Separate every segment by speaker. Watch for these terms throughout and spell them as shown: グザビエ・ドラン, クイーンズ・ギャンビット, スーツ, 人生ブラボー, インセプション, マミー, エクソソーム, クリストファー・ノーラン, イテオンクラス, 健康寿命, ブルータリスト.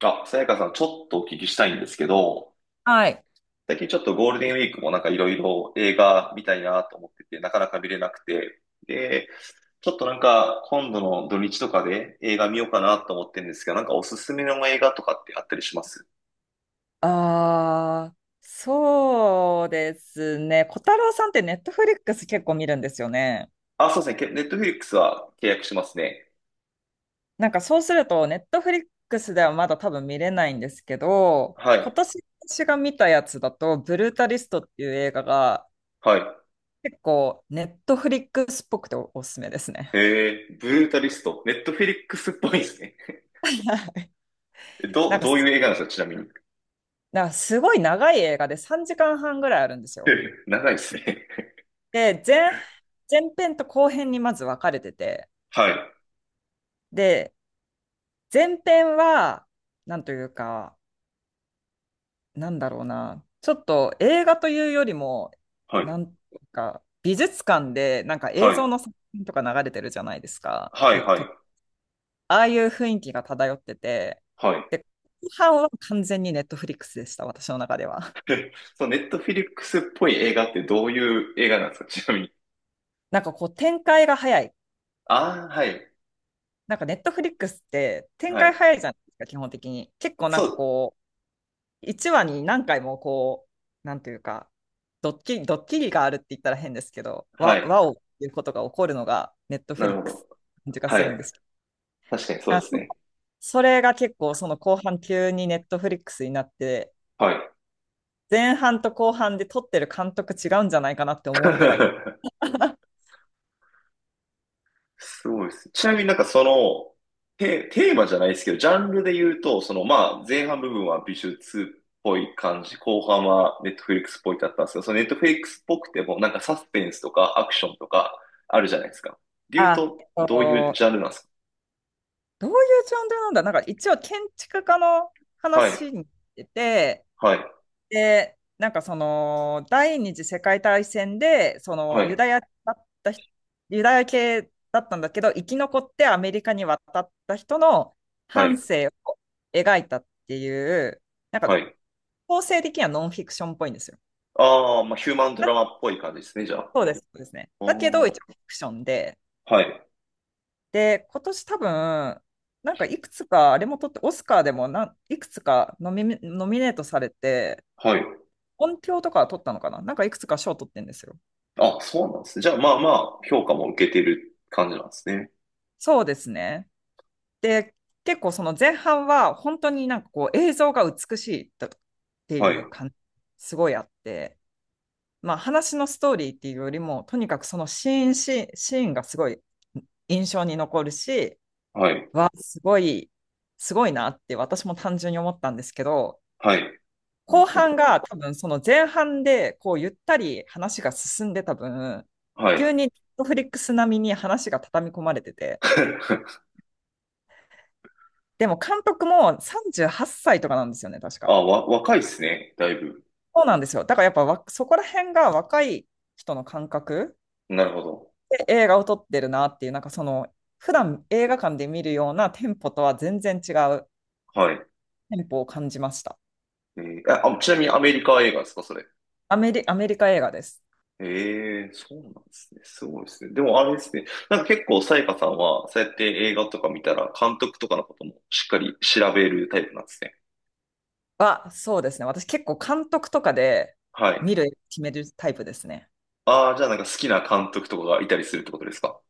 Speaker 1: あ、さやかさん、ちょっとお聞きしたいんですけど、
Speaker 2: はい。
Speaker 1: 最近ちょっとゴールデンウィークもなんかいろいろ映画見たいなと思ってて、なかなか見れなくて、で、ちょっとなんか今度の土日とかで映画見ようかなと思ってるんですけど、なんかおすすめの映画とかってあったりします？
Speaker 2: ああ、そうですね。小太郎さんってネットフリックス結構見るんですよね。
Speaker 1: あ、そうですね。ネットフリックスは契約しますね。
Speaker 2: なんかそうすると、ネットフリックスではまだ多分見れないんですけど、
Speaker 1: は
Speaker 2: 今
Speaker 1: い。
Speaker 2: 年私が見たやつだと、ブルータリストっていう映画が
Speaker 1: はい。
Speaker 2: 結構ネットフリックスっぽくておすすめですね。
Speaker 1: ブルータリスト。ネットフリックスっぽいですね。
Speaker 2: な
Speaker 1: ど、
Speaker 2: んか
Speaker 1: どういう
Speaker 2: す、
Speaker 1: 映画なんですか、ちなみに。
Speaker 2: なんかすごい長い映画で3時間半ぐらいあるんですよ。
Speaker 1: 長いですね。
Speaker 2: で、前編と後編にまず分かれてて、
Speaker 1: はい。
Speaker 2: で、前編は、なんというか、なんだろうな、ちょっと映画というよりも、
Speaker 1: はい。
Speaker 2: なんか美術館でなんか
Speaker 1: は
Speaker 2: 映像
Speaker 1: い。
Speaker 2: の作品とか流れてるじゃないですか。
Speaker 1: はい。はい。
Speaker 2: ああいう雰囲気が漂ってて、
Speaker 1: はい。
Speaker 2: で、後半は完全にネットフリックスでした、私の中では。
Speaker 1: でそのネットフィリックスっぽい映画ってどういう映画なんですか、ちなみに。
Speaker 2: なんかこう展開が早い。
Speaker 1: ああ、はい、
Speaker 2: なんかネットフリックスって展
Speaker 1: は
Speaker 2: 開
Speaker 1: い。
Speaker 2: 早いじゃないですか、基本的に。結構なん
Speaker 1: そ
Speaker 2: か
Speaker 1: う、
Speaker 2: こう、1話に何回もこう、なんというか、ドッキリがあるって言ったら変ですけど、
Speaker 1: はい。
Speaker 2: わおっていうことが起こるのが、ネット
Speaker 1: な
Speaker 2: フリッ
Speaker 1: るほ
Speaker 2: ク
Speaker 1: ど。
Speaker 2: ス感じが
Speaker 1: は
Speaker 2: する
Speaker 1: い。
Speaker 2: んですけ
Speaker 1: 確かにそ
Speaker 2: ど、
Speaker 1: うですね。
Speaker 2: それが結構、その後半急にネットフリックスになって、
Speaker 1: はい。
Speaker 2: 前半と後半で撮ってる監督違うんじゃないかなって思うぐらい。
Speaker 1: すごいです。ちなみになんかその、テーマじゃないですけど、ジャンルで言うと、そのまあ、前半部分は美術っぽい感じ、後半はネットフリックスっぽいだったんですけど、そのネットフリックスっぽくても、なんかサスペンスとかアクションとかあるじゃないですか。で言う
Speaker 2: あ、
Speaker 1: と、どういうジャンルなんです
Speaker 2: どういうジャンルなんだなんか一応建築家の
Speaker 1: か？はい、
Speaker 2: 話に出てて、
Speaker 1: はい、
Speaker 2: で、なんかその、第二次世界大戦で、そ
Speaker 1: は
Speaker 2: の、ユ
Speaker 1: い、
Speaker 2: ダヤだった人、ユダヤ系だったんだけど、生き残ってアメリカに渡った人の
Speaker 1: は
Speaker 2: 半
Speaker 1: い、
Speaker 2: 生を描いたっていう、なん
Speaker 1: は
Speaker 2: か、
Speaker 1: い。
Speaker 2: 構成的にはノンフィクションっぽいんですよ。
Speaker 1: ああ、まあ、ヒューマンド
Speaker 2: あ、
Speaker 1: ラマっぽい感じですね、じゃあ。
Speaker 2: そうです、そうですね。
Speaker 1: あ
Speaker 2: だけど、
Speaker 1: ー
Speaker 2: 一応フィクションで、
Speaker 1: はい、
Speaker 2: で、今年多分、なんかいくつか、あれも取って、オスカーでもいくつかノミネートされて、
Speaker 1: はい。
Speaker 2: 音響とかは取ったのかな、なんかいくつか賞取ってんですよ。
Speaker 1: あ、そうなんですね。じゃあ、まあまあ、評価も受けてる感じなんですね。
Speaker 2: そうですね。で、結構その前半は本当になんかこう映像が美しいだって
Speaker 1: は
Speaker 2: い
Speaker 1: い、
Speaker 2: う感じ、すごいあって、まあ話のストーリーっていうよりも、とにかくそのシーンシーン、シーンがすごい印象に残るし、
Speaker 1: はい、
Speaker 2: わ、すごい、すごいなって私も単純に思ったんですけど、
Speaker 1: はい。なる
Speaker 2: 後
Speaker 1: ほ
Speaker 2: 半
Speaker 1: ど。
Speaker 2: が多分その前半でこうゆったり話が進んでた分、
Speaker 1: は
Speaker 2: 急
Speaker 1: い。
Speaker 2: に Netflix 並みに話が畳み込まれてて、でも監督も38歳とかなんですよね、確か。
Speaker 1: あ、若いですね、だいぶ。
Speaker 2: そうなんですよ。だからやっぱそこら辺が若い人の感覚
Speaker 1: なるほど。
Speaker 2: で映画を撮ってるなっていう、なんかその、普段映画館で見るようなテンポとは全然違う
Speaker 1: はい。
Speaker 2: テンポを感じました。
Speaker 1: あ、ちなみにアメリカ映画ですか、それ。
Speaker 2: アメリカ映画です。
Speaker 1: ええ、そうなんですね。すごいですね。でもあれですね。なんか結構、さやかさんは、そうやって映画とか見たら、監督とかのこともしっかり調べるタイプなんですね。
Speaker 2: そうですね。私結構監督とかで
Speaker 1: はい。
Speaker 2: 見る、決めるタイプですね。
Speaker 1: ああ、じゃあなんか好きな監督とかがいたりするってことですか？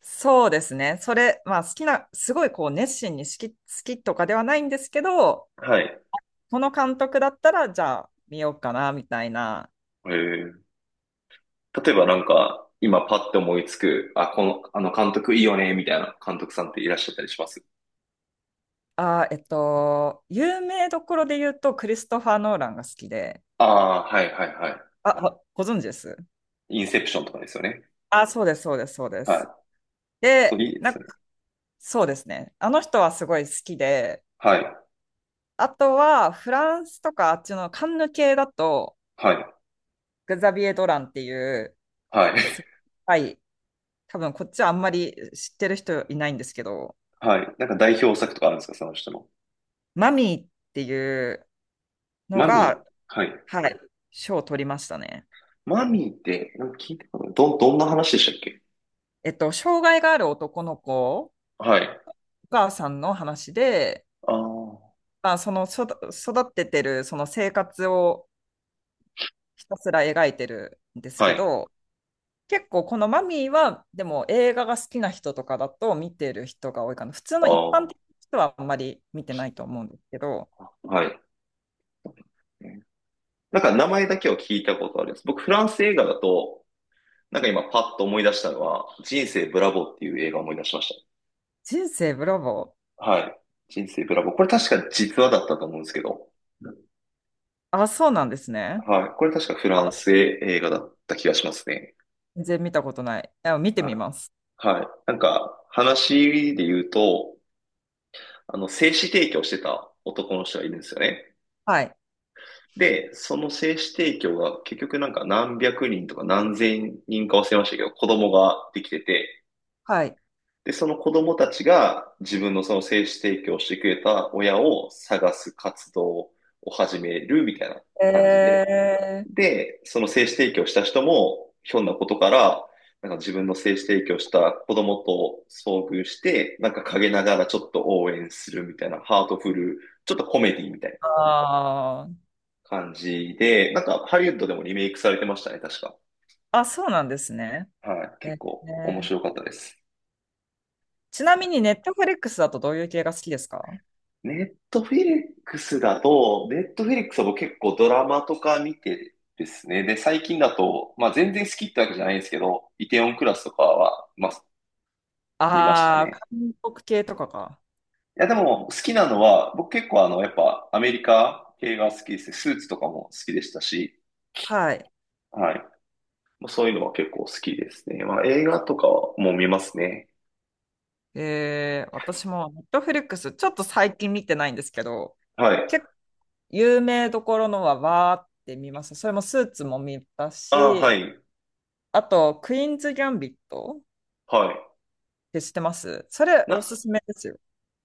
Speaker 2: そうですね。それ、まあ好きな、すごいこう熱心に好きとかではないんですけど、
Speaker 1: はい。へ
Speaker 2: この監督だったら、じゃあ見ようかな、みたいな。
Speaker 1: え、例えばなんか、今パッと思いつく、あ、この、あの監督いいよね、みたいな監督さんっていらっしゃったりします？
Speaker 2: 有名どころで言うと、クリストファー・ノーランが好きで、
Speaker 1: ああー、はいはいは
Speaker 2: あご存知です？
Speaker 1: い。インセプションとかですよね。
Speaker 2: あ、そうです、そうです、そうで
Speaker 1: はい。
Speaker 2: す。
Speaker 1: そう、
Speaker 2: で、
Speaker 1: いいで
Speaker 2: な
Speaker 1: す
Speaker 2: ん
Speaker 1: よね。
Speaker 2: か、そうですね。あの人はすごい好きで、
Speaker 1: はい。
Speaker 2: あとは、フランスとかあっちのカンヌ系だと、
Speaker 1: はい。
Speaker 2: グザビエ・ドランっていう、
Speaker 1: はい。
Speaker 2: す はい、多分こっちはあんまり知ってる人いないんですけど、
Speaker 1: はい。なんか代表作とかあるんですか、その人の。
Speaker 2: マミーっていうの
Speaker 1: マミ
Speaker 2: が、
Speaker 1: ー。はい。
Speaker 2: はい、賞を取りましたね。
Speaker 1: マミーって、なんか聞いたかな。どんな話でしたっけ？
Speaker 2: 障害がある男の子
Speaker 1: はい。
Speaker 2: お母さんの話で、
Speaker 1: ああ、
Speaker 2: まあ、その育っててるその生活をひたすら描いてるんです
Speaker 1: は
Speaker 2: け
Speaker 1: い。
Speaker 2: ど、結構このマミーは、でも映画が好きな人とかだと見てる人が多いかな。普通の
Speaker 1: あ
Speaker 2: 一般
Speaker 1: あ、
Speaker 2: 的な人はあんまり見てないと思うんですけど、
Speaker 1: はい。なんか名前だけは聞いたことあるんです。僕、フランス映画だと、なんか今パッと思い出したのは、人生ブラボーっていう映画を思い出しまし
Speaker 2: 人生ブラボー。
Speaker 1: た。はい。人生ブラボー。これ確か実話だったと思うんですけど、
Speaker 2: あ、そうなんですね。
Speaker 1: はい。これ確かフ
Speaker 2: あ、
Speaker 1: ランス映画だった気がしますね。
Speaker 2: 全然見たことない。あ、見て
Speaker 1: は
Speaker 2: みます。
Speaker 1: い。はい。なんか、話で言うと、あの、精子提供してた男の人がいるんですよね。
Speaker 2: はい。
Speaker 1: で、その精子提供が結局なんか何百人とか何千人か忘れましたけど、子供ができてて、
Speaker 2: はい。
Speaker 1: で、その子供たちが自分のその精子提供してくれた親を探す活動を始めるみたいな
Speaker 2: え
Speaker 1: 感じで、
Speaker 2: ー、
Speaker 1: で、その精子提供した人も、ひょんなことから、なんか自分の精子提供した子供と遭遇して、なんか陰ながらちょっと応援するみたいな、ハートフル、ちょっとコメディみたいな
Speaker 2: あー
Speaker 1: 感じで、なんかハリウッドでもリメイクされてましたね、確か。
Speaker 2: あ、そうなんですね。
Speaker 1: はい、
Speaker 2: え
Speaker 1: 結構面
Speaker 2: ー
Speaker 1: 白かったです。
Speaker 2: ちなみに、ネットフリックスだとどういう系が好きですか？
Speaker 1: ネットフィリックスだと、ネットフィリックスは僕結構ドラマとか見てですね。で、最近だと、まあ全然好きってわけじゃないんですけど、イテオンクラスとかは、まあ見ました
Speaker 2: ああー、
Speaker 1: ね。
Speaker 2: 韓国系とかか。
Speaker 1: いや、でも好きなのは、僕結構あの、やっぱアメリカ系が好きですね。スーツとかも好きでしたし、
Speaker 2: はい。
Speaker 1: はい。まあそういうのは結構好きですね。まあ映画とかはもう見ますね。
Speaker 2: 私もネットフリックス、ちょっと最近見てないんですけど、
Speaker 1: はい。
Speaker 2: 結構有名どころのはわーって見ます。それもスーツも見た
Speaker 1: ああ、は
Speaker 2: し、
Speaker 1: い。
Speaker 2: あと、クイーンズ・ギャンビットっ
Speaker 1: はい。
Speaker 2: て知ってます？それ、お
Speaker 1: な、
Speaker 2: すすめですよ。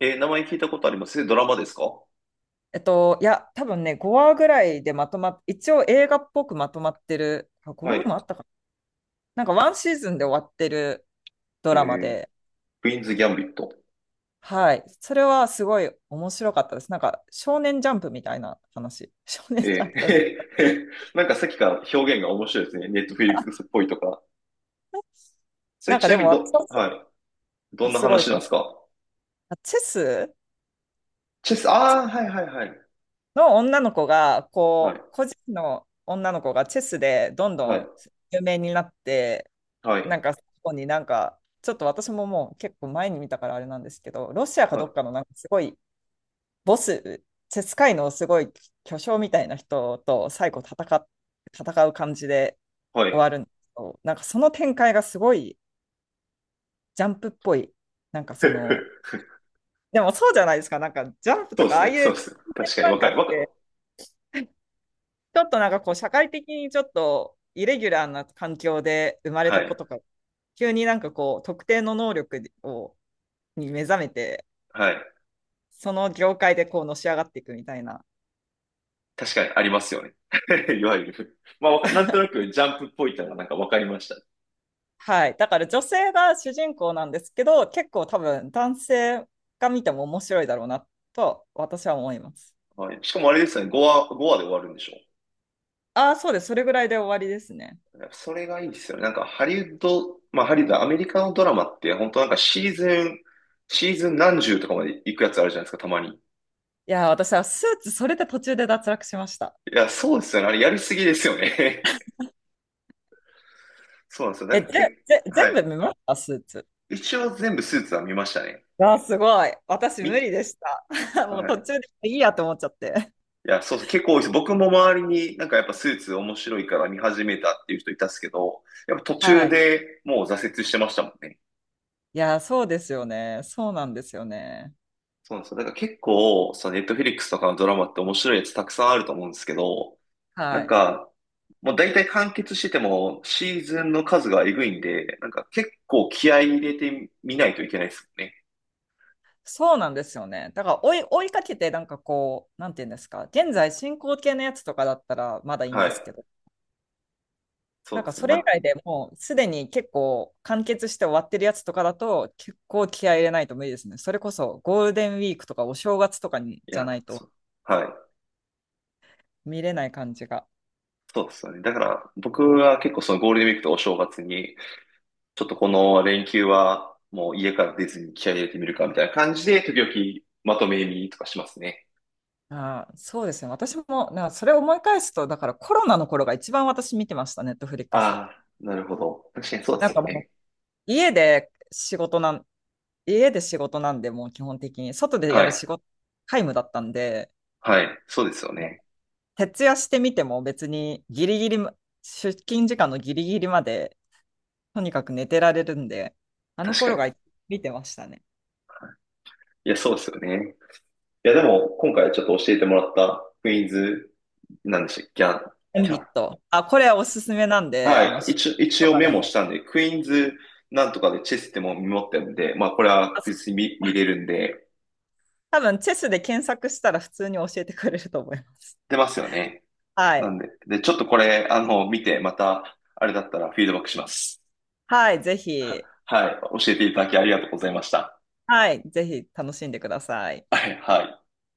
Speaker 1: えー名前聞いたことあります。ドラマですか？
Speaker 2: いや、多分ね、5話ぐらいでまとまっ、一応映画っぽくまとまってる、あ、5
Speaker 1: は
Speaker 2: 話
Speaker 1: い。
Speaker 2: もあったかな。なんかワンシーズンで終わってるド
Speaker 1: え
Speaker 2: ラマ
Speaker 1: ー
Speaker 2: で、
Speaker 1: クイーンズ・ギャンビット。
Speaker 2: はい。それはすごい面白かったです。なんか、少年ジャンプみたいな話。少年ジャン
Speaker 1: え
Speaker 2: プ。
Speaker 1: え。なんかさっきから表現が面白いですね。ネットフリックスっぽいとか。それ
Speaker 2: なん
Speaker 1: ち
Speaker 2: か
Speaker 1: な
Speaker 2: で
Speaker 1: み
Speaker 2: も、
Speaker 1: に
Speaker 2: 私
Speaker 1: はい。ど
Speaker 2: は
Speaker 1: んな
Speaker 2: すごい。
Speaker 1: 話なんですか？
Speaker 2: あ、
Speaker 1: チェス、
Speaker 2: チェス
Speaker 1: ああ、はいはいはい。
Speaker 2: の女の子が、
Speaker 1: はい、
Speaker 2: こう、個人の女の子がチェスでどんど
Speaker 1: はい、
Speaker 2: ん有名になって、
Speaker 1: はい、
Speaker 2: なんか、そこになんか、ちょっと私ももう結構前に見たからあれなんですけど、ロシアか
Speaker 1: は
Speaker 2: どっ
Speaker 1: い、
Speaker 2: かのなんかすごいボス、セスカイのすごい巨匠みたいな人と最後戦う感じで
Speaker 1: は
Speaker 2: 終
Speaker 1: い。
Speaker 2: わるんですけど、なんかその展開がすごいジャンプっぽい、なんかその、でもそうじゃないですか、なんかジャンプ
Speaker 1: そ
Speaker 2: と
Speaker 1: うで
Speaker 2: かあ
Speaker 1: す
Speaker 2: あ
Speaker 1: ね、
Speaker 2: い
Speaker 1: そ
Speaker 2: う
Speaker 1: うです。確かに、
Speaker 2: な
Speaker 1: わ
Speaker 2: ん
Speaker 1: か
Speaker 2: か
Speaker 1: る、
Speaker 2: っ
Speaker 1: わかる。
Speaker 2: て、ちょっとなんかこう社会的にちょっとイレギュラーな環境で生まれ
Speaker 1: は
Speaker 2: た
Speaker 1: い、
Speaker 2: 子とか、急になんかこう特定の能力をに目覚めて、
Speaker 1: はい。
Speaker 2: その業界でこうのし上がっていくみたいな。
Speaker 1: 確かにありますよね。いわゆる。まあ、なんとなくジャンプっぽいのがなんかわかりました。
Speaker 2: はい。だから女性が主人公なんですけど、結構多分男性が見ても面白いだろうなと私は思います。
Speaker 1: はい。しかもあれですね、5話、5話で終わるんでしょ？
Speaker 2: ああ、そうです。それぐらいで終わりですね。
Speaker 1: やっぱそれがいいですよね。なんかハリウッド、まあハリウッド、アメリカのドラマって本当なんかシーズン何十とかまで行くやつあるじゃないですか、たまに。
Speaker 2: いやー、私はスーツ、それで途中で脱落しました。
Speaker 1: いや、そうですよね。あれやりすぎですよね。そうなんですよ。な
Speaker 2: え、
Speaker 1: んか結構、は
Speaker 2: 全部
Speaker 1: い。
Speaker 2: 見ましたスーツ？
Speaker 1: 一応全部スーツは見ましたね。
Speaker 2: ああ、すごい。私無
Speaker 1: み、
Speaker 2: 理でした。もう
Speaker 1: は
Speaker 2: 途
Speaker 1: い。
Speaker 2: 中でいいやと思っちゃって。
Speaker 1: いや、そうそう、結構多いです。僕も周りになんかやっぱスーツ面白いから見始めたっていう人いたっすけど、やっぱ途
Speaker 2: は
Speaker 1: 中
Speaker 2: い。
Speaker 1: でもう挫折してましたもんね。
Speaker 2: いやー、そうですよね。そうなんですよね。
Speaker 1: そうなんですよ。だから結構、そのネットフリックスとかのドラマって面白いやつたくさんあると思うんですけど、な
Speaker 2: は
Speaker 1: ん
Speaker 2: い。
Speaker 1: か、もう大体完結しててもシーズンの数がえぐいんで、なんか結構気合い入れてみないといけないですよね。
Speaker 2: そうなんですよね。だから追いかけて、なんかこう、なんていうんですか、現在進行形のやつとかだったらまだいいん
Speaker 1: は
Speaker 2: ですけ
Speaker 1: い。
Speaker 2: ど、
Speaker 1: そ
Speaker 2: なん
Speaker 1: うで
Speaker 2: か
Speaker 1: すね。
Speaker 2: それ以
Speaker 1: ま、
Speaker 2: 外でもうすでに結構完結して終わってるやつとかだと、結構気合い入れないと無理ですね。それこそゴールデンウィークとかお正月とかに
Speaker 1: い
Speaker 2: じゃ
Speaker 1: や、
Speaker 2: ない
Speaker 1: そ
Speaker 2: と
Speaker 1: う。はい。
Speaker 2: 見れない感じが。
Speaker 1: そうですよね。だから僕は結構そのゴールデンウィークとお正月に、ちょっとこの連休はもう家から出ずに気合い入れてみるかみたいな感じで、時々まとめ見とかしますね。
Speaker 2: ああ、そうですね。私も、なんかそれを思い返すと、だからコロナの頃が一番私見てました、ネットフリックス。
Speaker 1: ああ、なるほど。確かにそうで
Speaker 2: な
Speaker 1: す
Speaker 2: ん
Speaker 1: よ
Speaker 2: かもう
Speaker 1: ね。
Speaker 2: 家で仕事な家で仕事なんで、もう基本的に、外でや
Speaker 1: は
Speaker 2: る
Speaker 1: い。
Speaker 2: 仕事、皆無だったんで、
Speaker 1: はい。そうですよ
Speaker 2: も
Speaker 1: ね。
Speaker 2: う徹夜してみても別にギリギリま出勤時間のギリギリまで、とにかく寝てられるんで、あの
Speaker 1: 確か
Speaker 2: 頃
Speaker 1: に。
Speaker 2: が見てましたね。
Speaker 1: いや、そうですよね。いや、でも、今回ちょっと教えてもらったクイーンズ、なんでしたっけ、キャン、
Speaker 2: オン
Speaker 1: キ
Speaker 2: ビ
Speaker 1: ャン。
Speaker 2: ット。あ、これおすすめなんで、
Speaker 1: はい。
Speaker 2: 仕
Speaker 1: 一応、一
Speaker 2: 事と
Speaker 1: 応
Speaker 2: か
Speaker 1: メ
Speaker 2: で
Speaker 1: モし
Speaker 2: も。
Speaker 1: たんで、クイーンズなんとかでチェスってもメモってるんで、まあ、これは確
Speaker 2: あ、
Speaker 1: 実に見れるんで、
Speaker 2: 多分、チェスで検索したら普通に教えてくれると思います。
Speaker 1: 出ますよね。
Speaker 2: は
Speaker 1: な
Speaker 2: い。
Speaker 1: んで、で、ちょっとこれ、あの、見て、また、あれだったらフィードバックします。
Speaker 2: はい、ぜひ、
Speaker 1: はい。教えていただきありがとうございました。
Speaker 2: はい、ぜひ楽しんでください。
Speaker 1: はい、はい。